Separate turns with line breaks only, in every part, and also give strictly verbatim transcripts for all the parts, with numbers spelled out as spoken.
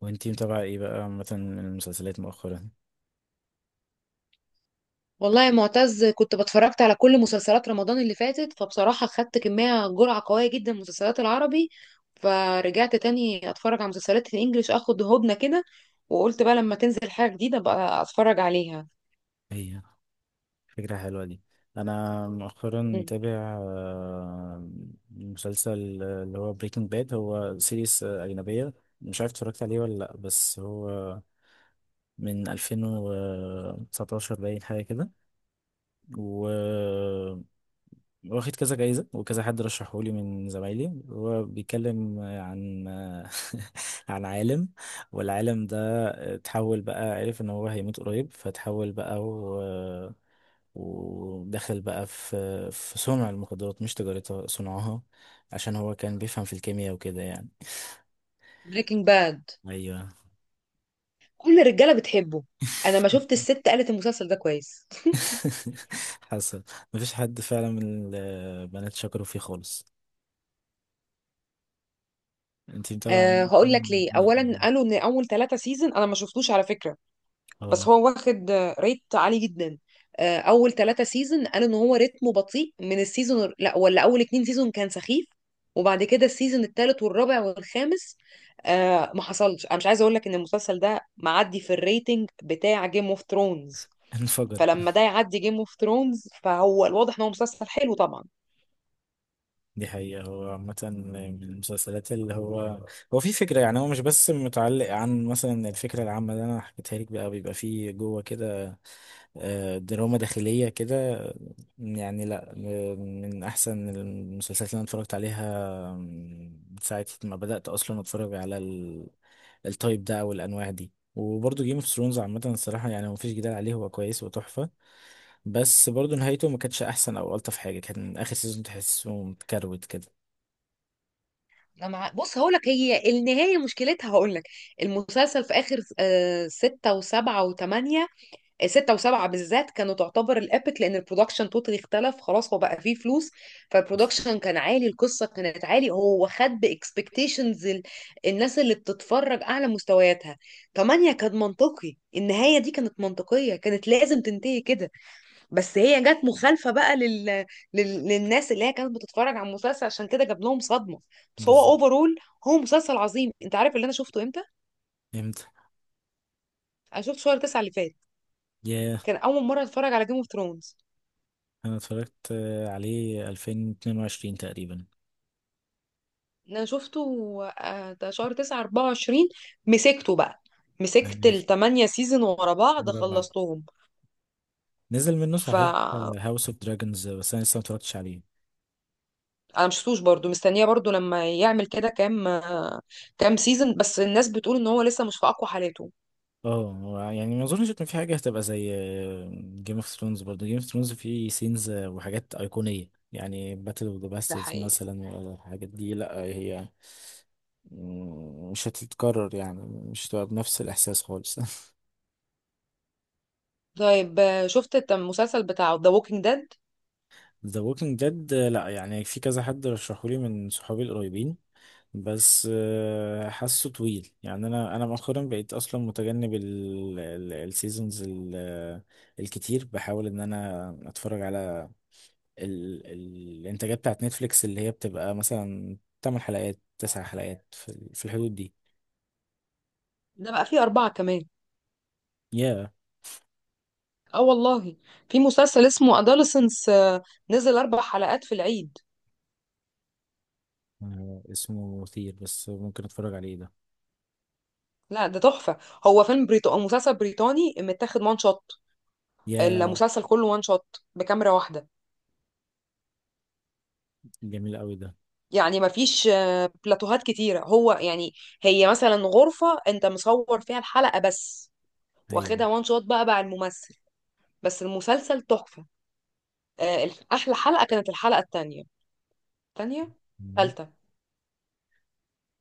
وانتي متابعة ايه بقى مثلا من المسلسلات مؤخرا؟
والله يا معتز، كنت بتفرجت على كل مسلسلات رمضان اللي فاتت، فبصراحة خدت كمية جرعة قوية جدا من المسلسلات العربي. فرجعت تاني اتفرج على مسلسلات الانجليش، اخد هدنة كده. وقلت بقى لما تنزل حاجة جديدة بقى اتفرج عليها.
هي فكرة حلوة دي. انا مؤخرا متابع آه، مسلسل آه، اللي هو بريكنج باد. هو سيريس آه، أجنبية. مش عارف اتفرجت عليه ولا لأ، بس هو من ألفين وتسعتاشر باين حاجة كده. و واخد كذا جايزة وكذا، حد رشحه لي من زمايلي. هو بيتكلم عن عن عالم، والعالم ده اتحول. بقى عرف ان هو هيموت قريب فتحول بقى و... ودخل بقى في في صنع المخدرات، مش تجارتها، صنعها، عشان هو كان بيفهم في الكيمياء وكده يعني.
بريكنج باد،
ايوه.
كل الرجالة بتحبه. انا ما شفت الست قالت المسلسل ده كويس.
حصل. مفيش حد فعلا من البنات شكروا فيه خالص. انتي
أه،
طبعا.
هقول لك ليه. اولا قالوا ان اول ثلاثة سيزون انا ما شفتوش على فكرة. بس
اه.
هو واخد ريت عالي جدا. آه، اول ثلاثة سيزون قالوا ان هو رتمه بطيء من السيزون، لا ولا اول اتنين سيزون كان سخيف. وبعد كده السيزون الثالث والرابع والخامس آه ما حصلش. انا مش عايزه اقول لك ان المسلسل ده معدي في الريتنج بتاع جيم اوف ثرونز.
انفجر.
فلما ده يعدي جيم اوف ثرونز فهو الواضح ان هو مسلسل حلو طبعا.
دي حقيقة، هو عامة من المسلسلات اللي هو هو في فكرة، يعني هو مش بس متعلق عن مثلا الفكرة العامة اللي أنا حكيتها لك، بقى بيبقى فيه جوه كده آه، دراما داخلية كده. يعني لأ، م- من أحسن المسلسلات اللي أنا اتفرجت عليها من ساعة ما بدأت أصلا أتفرج على ال- التايب ده أو الأنواع دي. وبرضه جيم اوف ثرونز عامة، الصراحة يعني مفيش جدال عليه، هو كويس وتحفة. بس برضه نهايته ما كانتش أحسن أو ألطف حاجة، كان آخر سيزون تحسه متكروت كده.
أنا مع... بص هقول لك، هي النهايه مشكلتها هقول لك. المسلسل في اخر آه ستة وسبعة وثمانية. ستة وسبعة بالذات كانوا تعتبر الابيك، لان البرودكشن توتالي اختلف خلاص، هو بقى فيه فلوس. فالبرودكشن كان عالي، القصة كانت عالي، هو خد باكسبكتيشنز الناس اللي بتتفرج اعلى مستوياتها. تمانية كان منطقي، النهاية دي كانت منطقية، كانت لازم تنتهي كده. بس هي جت مخالفة بقى لل... لل... للناس اللي هي كانت بتتفرج على المسلسل، عشان كده جاب لهم صدمة. بس هو اوفرول هو مسلسل عظيم. انت عارف اللي انا شفته امتى؟
امتى؟
انا شفته شهر تسعة اللي فات.
ياه.
كان اول مرة اتفرج على جيم اوف ثرونز.
انا اتفرجت آه، عليه ألفين واتنين وعشرين تقريبا.
انا شفته، آه، ده شهر تسعة أربعة وعشرين. مسكته بقى، مسكت
يعني
التمانية سيزون ورا بعض،
رابعة
خلصتهم.
نزل منه
ف
صحيح، هاوس اوف دراجونز، بس انا لسه ما اتفرجتش عليه.
انا مش شفتوش برضو، مستنيه برضو لما يعمل كده كام، آه، كام سيزون. بس الناس بتقول ان هو لسه مش في اقوى حالاته.
اه، هو يعني ما اظنش ان في حاجه هتبقى زي جيم اوف ثرونز. برضه جيم اوف ثرونز فيه سينز وحاجات ايقونيه، يعني باتل اوف ذا
ده
باسترز
حقيقي.
مثلا، ولا الحاجات دي لا. هي مم، مش هتتكرر، يعني مش هتبقى بنفس الاحساس خالص.
طيب، آه، شفت الت- المسلسل بتاعه ذا ووكينج ديد؟
ذا ووكينج ديد لا، يعني في كذا حد رشحولي من صحابي القريبين، بس آه، حاسه طويل يعني. انا انا مؤخرا بقيت اصلا متجنب السيزونز الكتير، بحاول ان انا اتفرج على ال- ال- الانتاجات بتاعت نتفليكس، اللي هي بتبقى مثلا 8 حلقات، 9 حلقات، في ال- في الحدود دي.
ده بقى فيه أربعة كمان.
يا.
اه والله، في مسلسل اسمه أدolescence، آه، نزل أربع حلقات في العيد.
آه، اسمه مثير بس ممكن اتفرج عليه ده.
لا، ده تحفة. هو فيلم بريطاني، مسلسل بريطاني، متاخد وان شوت.
يا،
المسلسل كله وان شوت بكاميرا واحدة.
جميل قوي ده.
يعني مفيش آه، بلاتوهات كتيرة. هو يعني هي مثلا غرفة انت مصور فيها الحلقة بس،
ايوه.
واخدها وان شوت بقى بقى الممثل. بس المسلسل تحفة. آه، الح- احلى حلقة كانت الحلقة التانية. تانية.
مم.
تالتة.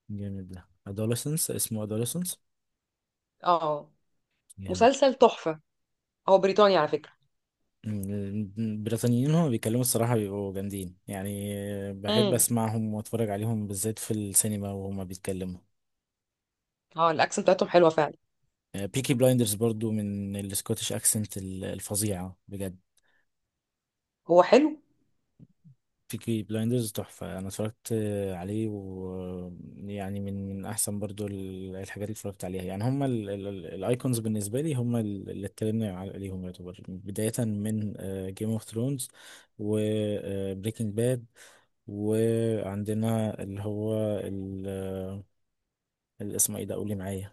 جامد ده. adolescence، اسمه adolescence.
اه.
جامد.
مسلسل تحفة، هو بريطاني على فكرة.
ال- البريطانيين هما بيتكلموا الصراحة بيبقوا جامدين يعني. آه، بحب
امم
أسمعهم وأتفرج عليهم بالذات في السينما وهما بيتكلموا.
اه، الاكسنت بتاعتهم حلوة فعلا.
بيكي بلايندرز برضو من السكوتش أكسنت الفظيعة بجد.
هو حلو.
بيكي بلايندرز تحفة، أنا اتفرجت عليه، ويعني من من أحسن برضو ال- الحاجات اللي اتفرجت عليها يعني. هما الأيكونز بالنسبة لي، هما ال- اللي اتكلمنا عل- عليهم، يعتبر بداية من جيم اوف ثرونز وبريكنج باد. وعندنا اللي هو ال- آه، اللي اسمه ايه ده، قولي معايا.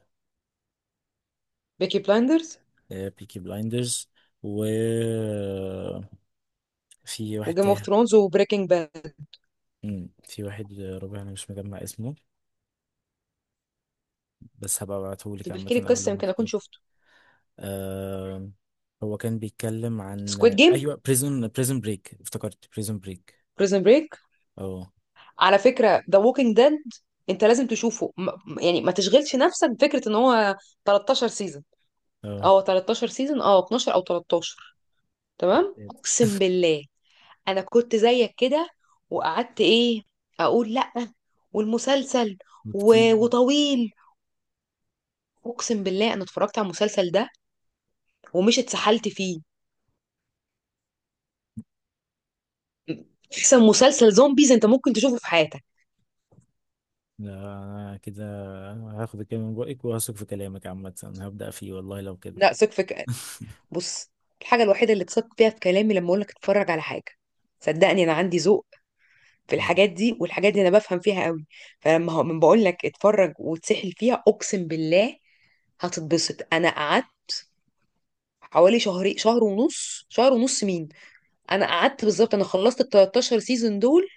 بيكي بلايندرز
بيكي بلايندرز. وفي واحد
وجيم اوف
تاني.
ثرونز وبريكنج باد.
مم، في واحد آه، ربع، أنا مش مجمع اسمه، بس هبقى ابعتهولك
طب
عامة
احكي لي
أول
القصة
لما
يمكن اكون
أختار.
شفته.
آه. هو كان بيتكلم عن.
سكويد جيم؟
ايوه، بريزون بريزون بريك، افتكرت بريزون بريك.
بريزن بريك
اه.
على فكرة. The Walking Dead، انت لازم تشوفه، م- م- يعني ما تشغلش نفسك بفكرة ان هو ثلاثتاشر سيزون.
اه.
اه ثلاثتاشر سيزون، اه اتناشر او تلتاشر. تمام، اقسم بالله انا كنت زيك كده، وقعدت ايه، اقول لا والمسلسل
كتير.
و... وطويل. اقسم بالله انا اتفرجت على المسلسل ده ومش اتسحلت فيه. احسن مسلسل زومبيز انت ممكن تشوفه في حياتك.
آه كده هاخد الكلمة من بقك وهثق في كلامك، عامة هبدأ فيه والله لو كده.
لا، ثق فيك. بص، الحاجة الوحيدة اللي تصدق فيها في كلامي لما اقول لك اتفرج على حاجة، صدقني انا عندي ذوق في الحاجات دي، والحاجات دي انا بفهم فيها قوي. فلما هو من بقول لك اتفرج وتسحل فيها، اقسم بالله هتتبسط. انا قعدت حوالي شهرين، شهر ونص، شهر ونص مين، انا قعدت بالظبط، انا خلصت ال تلتاشر سيزون دول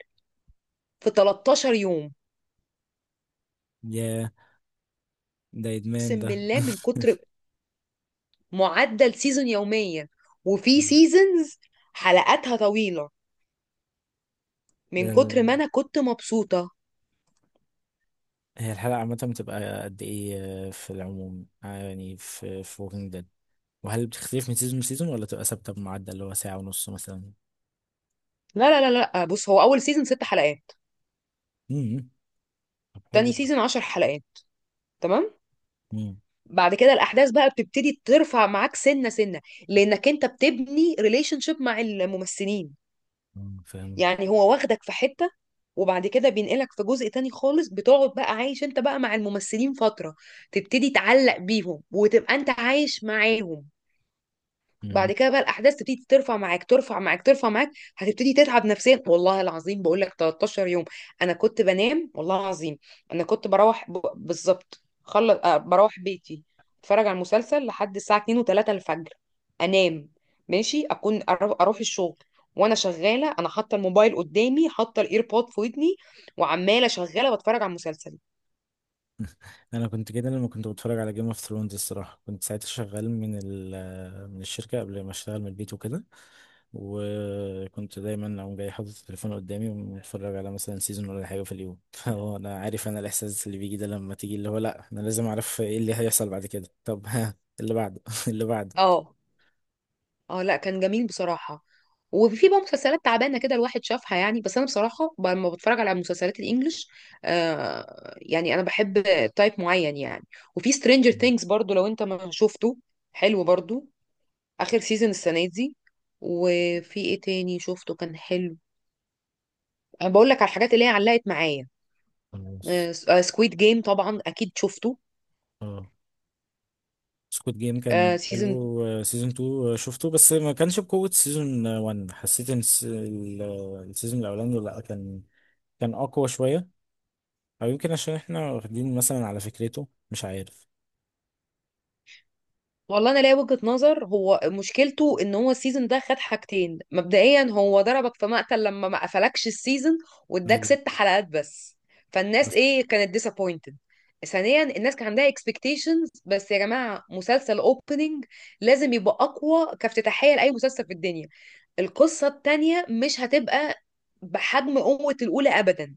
في 13 يوم.
ياه، ده إدمان
اقسم
ده.
بالله من كتر، معدل سيزون يوميا، وفي سيزونز حلقاتها طويلة، من
ده-
كتر ما انا كنت مبسوطة.
هي الحلقة عامة بتبقى قد إيه؟ آه، في العموم آه، يعني في في ووكينج ديد، وهل بتختلف من سيزون لسيزون، ولا تبقى ثابتة بمعدل اللي هو ساعة ونص مثلا؟
لا لا لا لا، بص هو اول سيزون ست حلقات.
امم. طب.
تاني سيزون عشر حلقات. تمام.
حلو.
بعد كده الاحداث بقى بتبتدي ترفع معاك سنه سنه، لانك انت بتبني ريليشن شيب مع الممثلين.
آه، فاهم.
يعني هو واخدك في حته، وبعد كده بينقلك في جزء تاني خالص، بتقعد بقى عايش انت بقى مع الممثلين فتره، تبتدي تعلق بيهم وتبقى انت عايش معاهم.
مم.
بعد كده بقى الاحداث تبتدي ترفع معاك ترفع معاك ترفع معاك. هتبتدي تتعب نفسيا. والله العظيم بقول لك 13 يوم انا كنت بنام. والله العظيم، انا كنت بروح ب... بالظبط خلص. آه بروح بيتي، اتفرج على المسلسل لحد الساعه اتنين و3 الفجر، انام، ماشي اكون أرو- اروح الشغل. وانا شغاله انا حاطه الموبايل قدامي، حاطه الايربود في ودني، وعماله شغاله بتفرج على المسلسل.
انا كنت كده لما كنت بتفرج على جيم اوف ثرونز الصراحه، كنت ساعتها شغال من ال من الشركه قبل ما اشتغل من البيت وكده، وكنت دايما اقوم جاي حاطط التليفون قدامي ومتفرج على مثلا سيزون ولا حاجه في اليوم. فهو انا عارف انا الاحساس اللي بيجي ده، لما تيجي اللي هو لا انا لازم اعرف ايه اللي هيحصل بعد كده، طب ها، اللي بعده اللي بعده.
اه. اه لا، كان جميل بصراحة. وفي بقى مسلسلات تعبانة كده الواحد شافها يعني، بس أنا بصراحة ب- لما بتفرج على مسلسلات الإنجليش، آه يعني أنا بحب تايب معين يعني. وفي سترينجر
مم.
ثينجز برضو لو أنت ما شفته، حلو برضو. آخر سيزون السنة دي. وفي إيه تاني شفته كان حلو؟ أنا بقول لك على الحاجات اللي هي علقت معايا.
خلاص.
سكويد جيم طبعا أكيد شفته.
اه. سكوت جيم كان حلو، سيزون اتنين شفته بس ما كانش بقوة سيزون واحد، حسيت ان الس- ال- السيزون الاولاني لا كان كان اقوى شوية. او يمكن عشان احنا واخدين مثلا على فكرته، مش عارف.
والله انا ليا وجهة نظر، هو مشكلته ان هو السيزون ده خد حاجتين مبدئيا. هو ضربك في مقتل لما ما قفلكش السيزون، واداك
أيوة.
ست حلقات بس. فالناس
بس-
ايه كانت ديسابوينتد. ثانيا، الناس كان عندها اكسبكتيشنز. بس يا جماعة، مسلسل اوبننج لازم يبقى اقوى كافتتاحية لاي مسلسل في الدنيا. القصة التانية مش هتبقى بحجم قوة الأولى أبدا،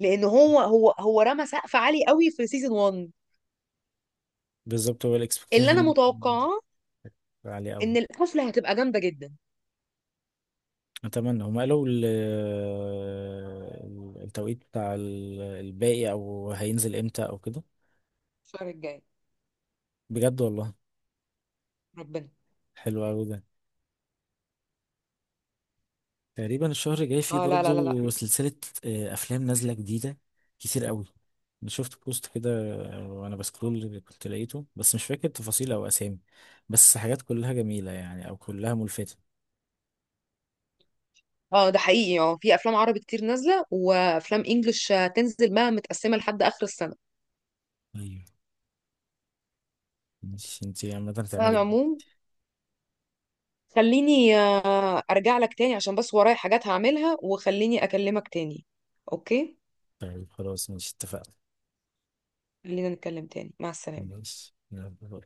لأن هو هو هو رمى سقف عالي قوي في سيزون واحد.
بالظبط هو
اللي أنا
الاكسبكتيشن
متوقعاه
عالية
إن
قوي.
القفلة هتبقى جامدة جدا.
اتمنى هم قالوا ال- ال- التوقيت بتاع ال- الباقي، او هينزل امتى او كده.
الشهر الجاي،
بجد والله.
ربنا.
حلو قوي ده. تقريبا الشهر الجاي فيه
اه لا لا لا
برضه
لا.
سلسلة، آه، أفلام نازلة جديدة كتير قوي. أنا شفت بوست كده، آه، وأنا بسكرول كنت لقيته، بس مش فاكر تفاصيل أو أسامي، بس حاجات كلها جميلة يعني أو كلها ملفتة.
اه ده حقيقي، اه في افلام عربي كتير نازله وافلام انجلش، آه، تنزل بقى متقسمه لحد اخر السنه.
أيوة. ماشي، أنتي عامة
على
هتعملي إيه؟
العموم، خليني آه، ارجع لك تاني عشان بس ورايا حاجات هعملها، وخليني اكلمك تاني. اوكي.
طيب خلاص ماشي اتفقنا.
خلينا نتكلم تاني. مع السلامه.
ماشي يلا.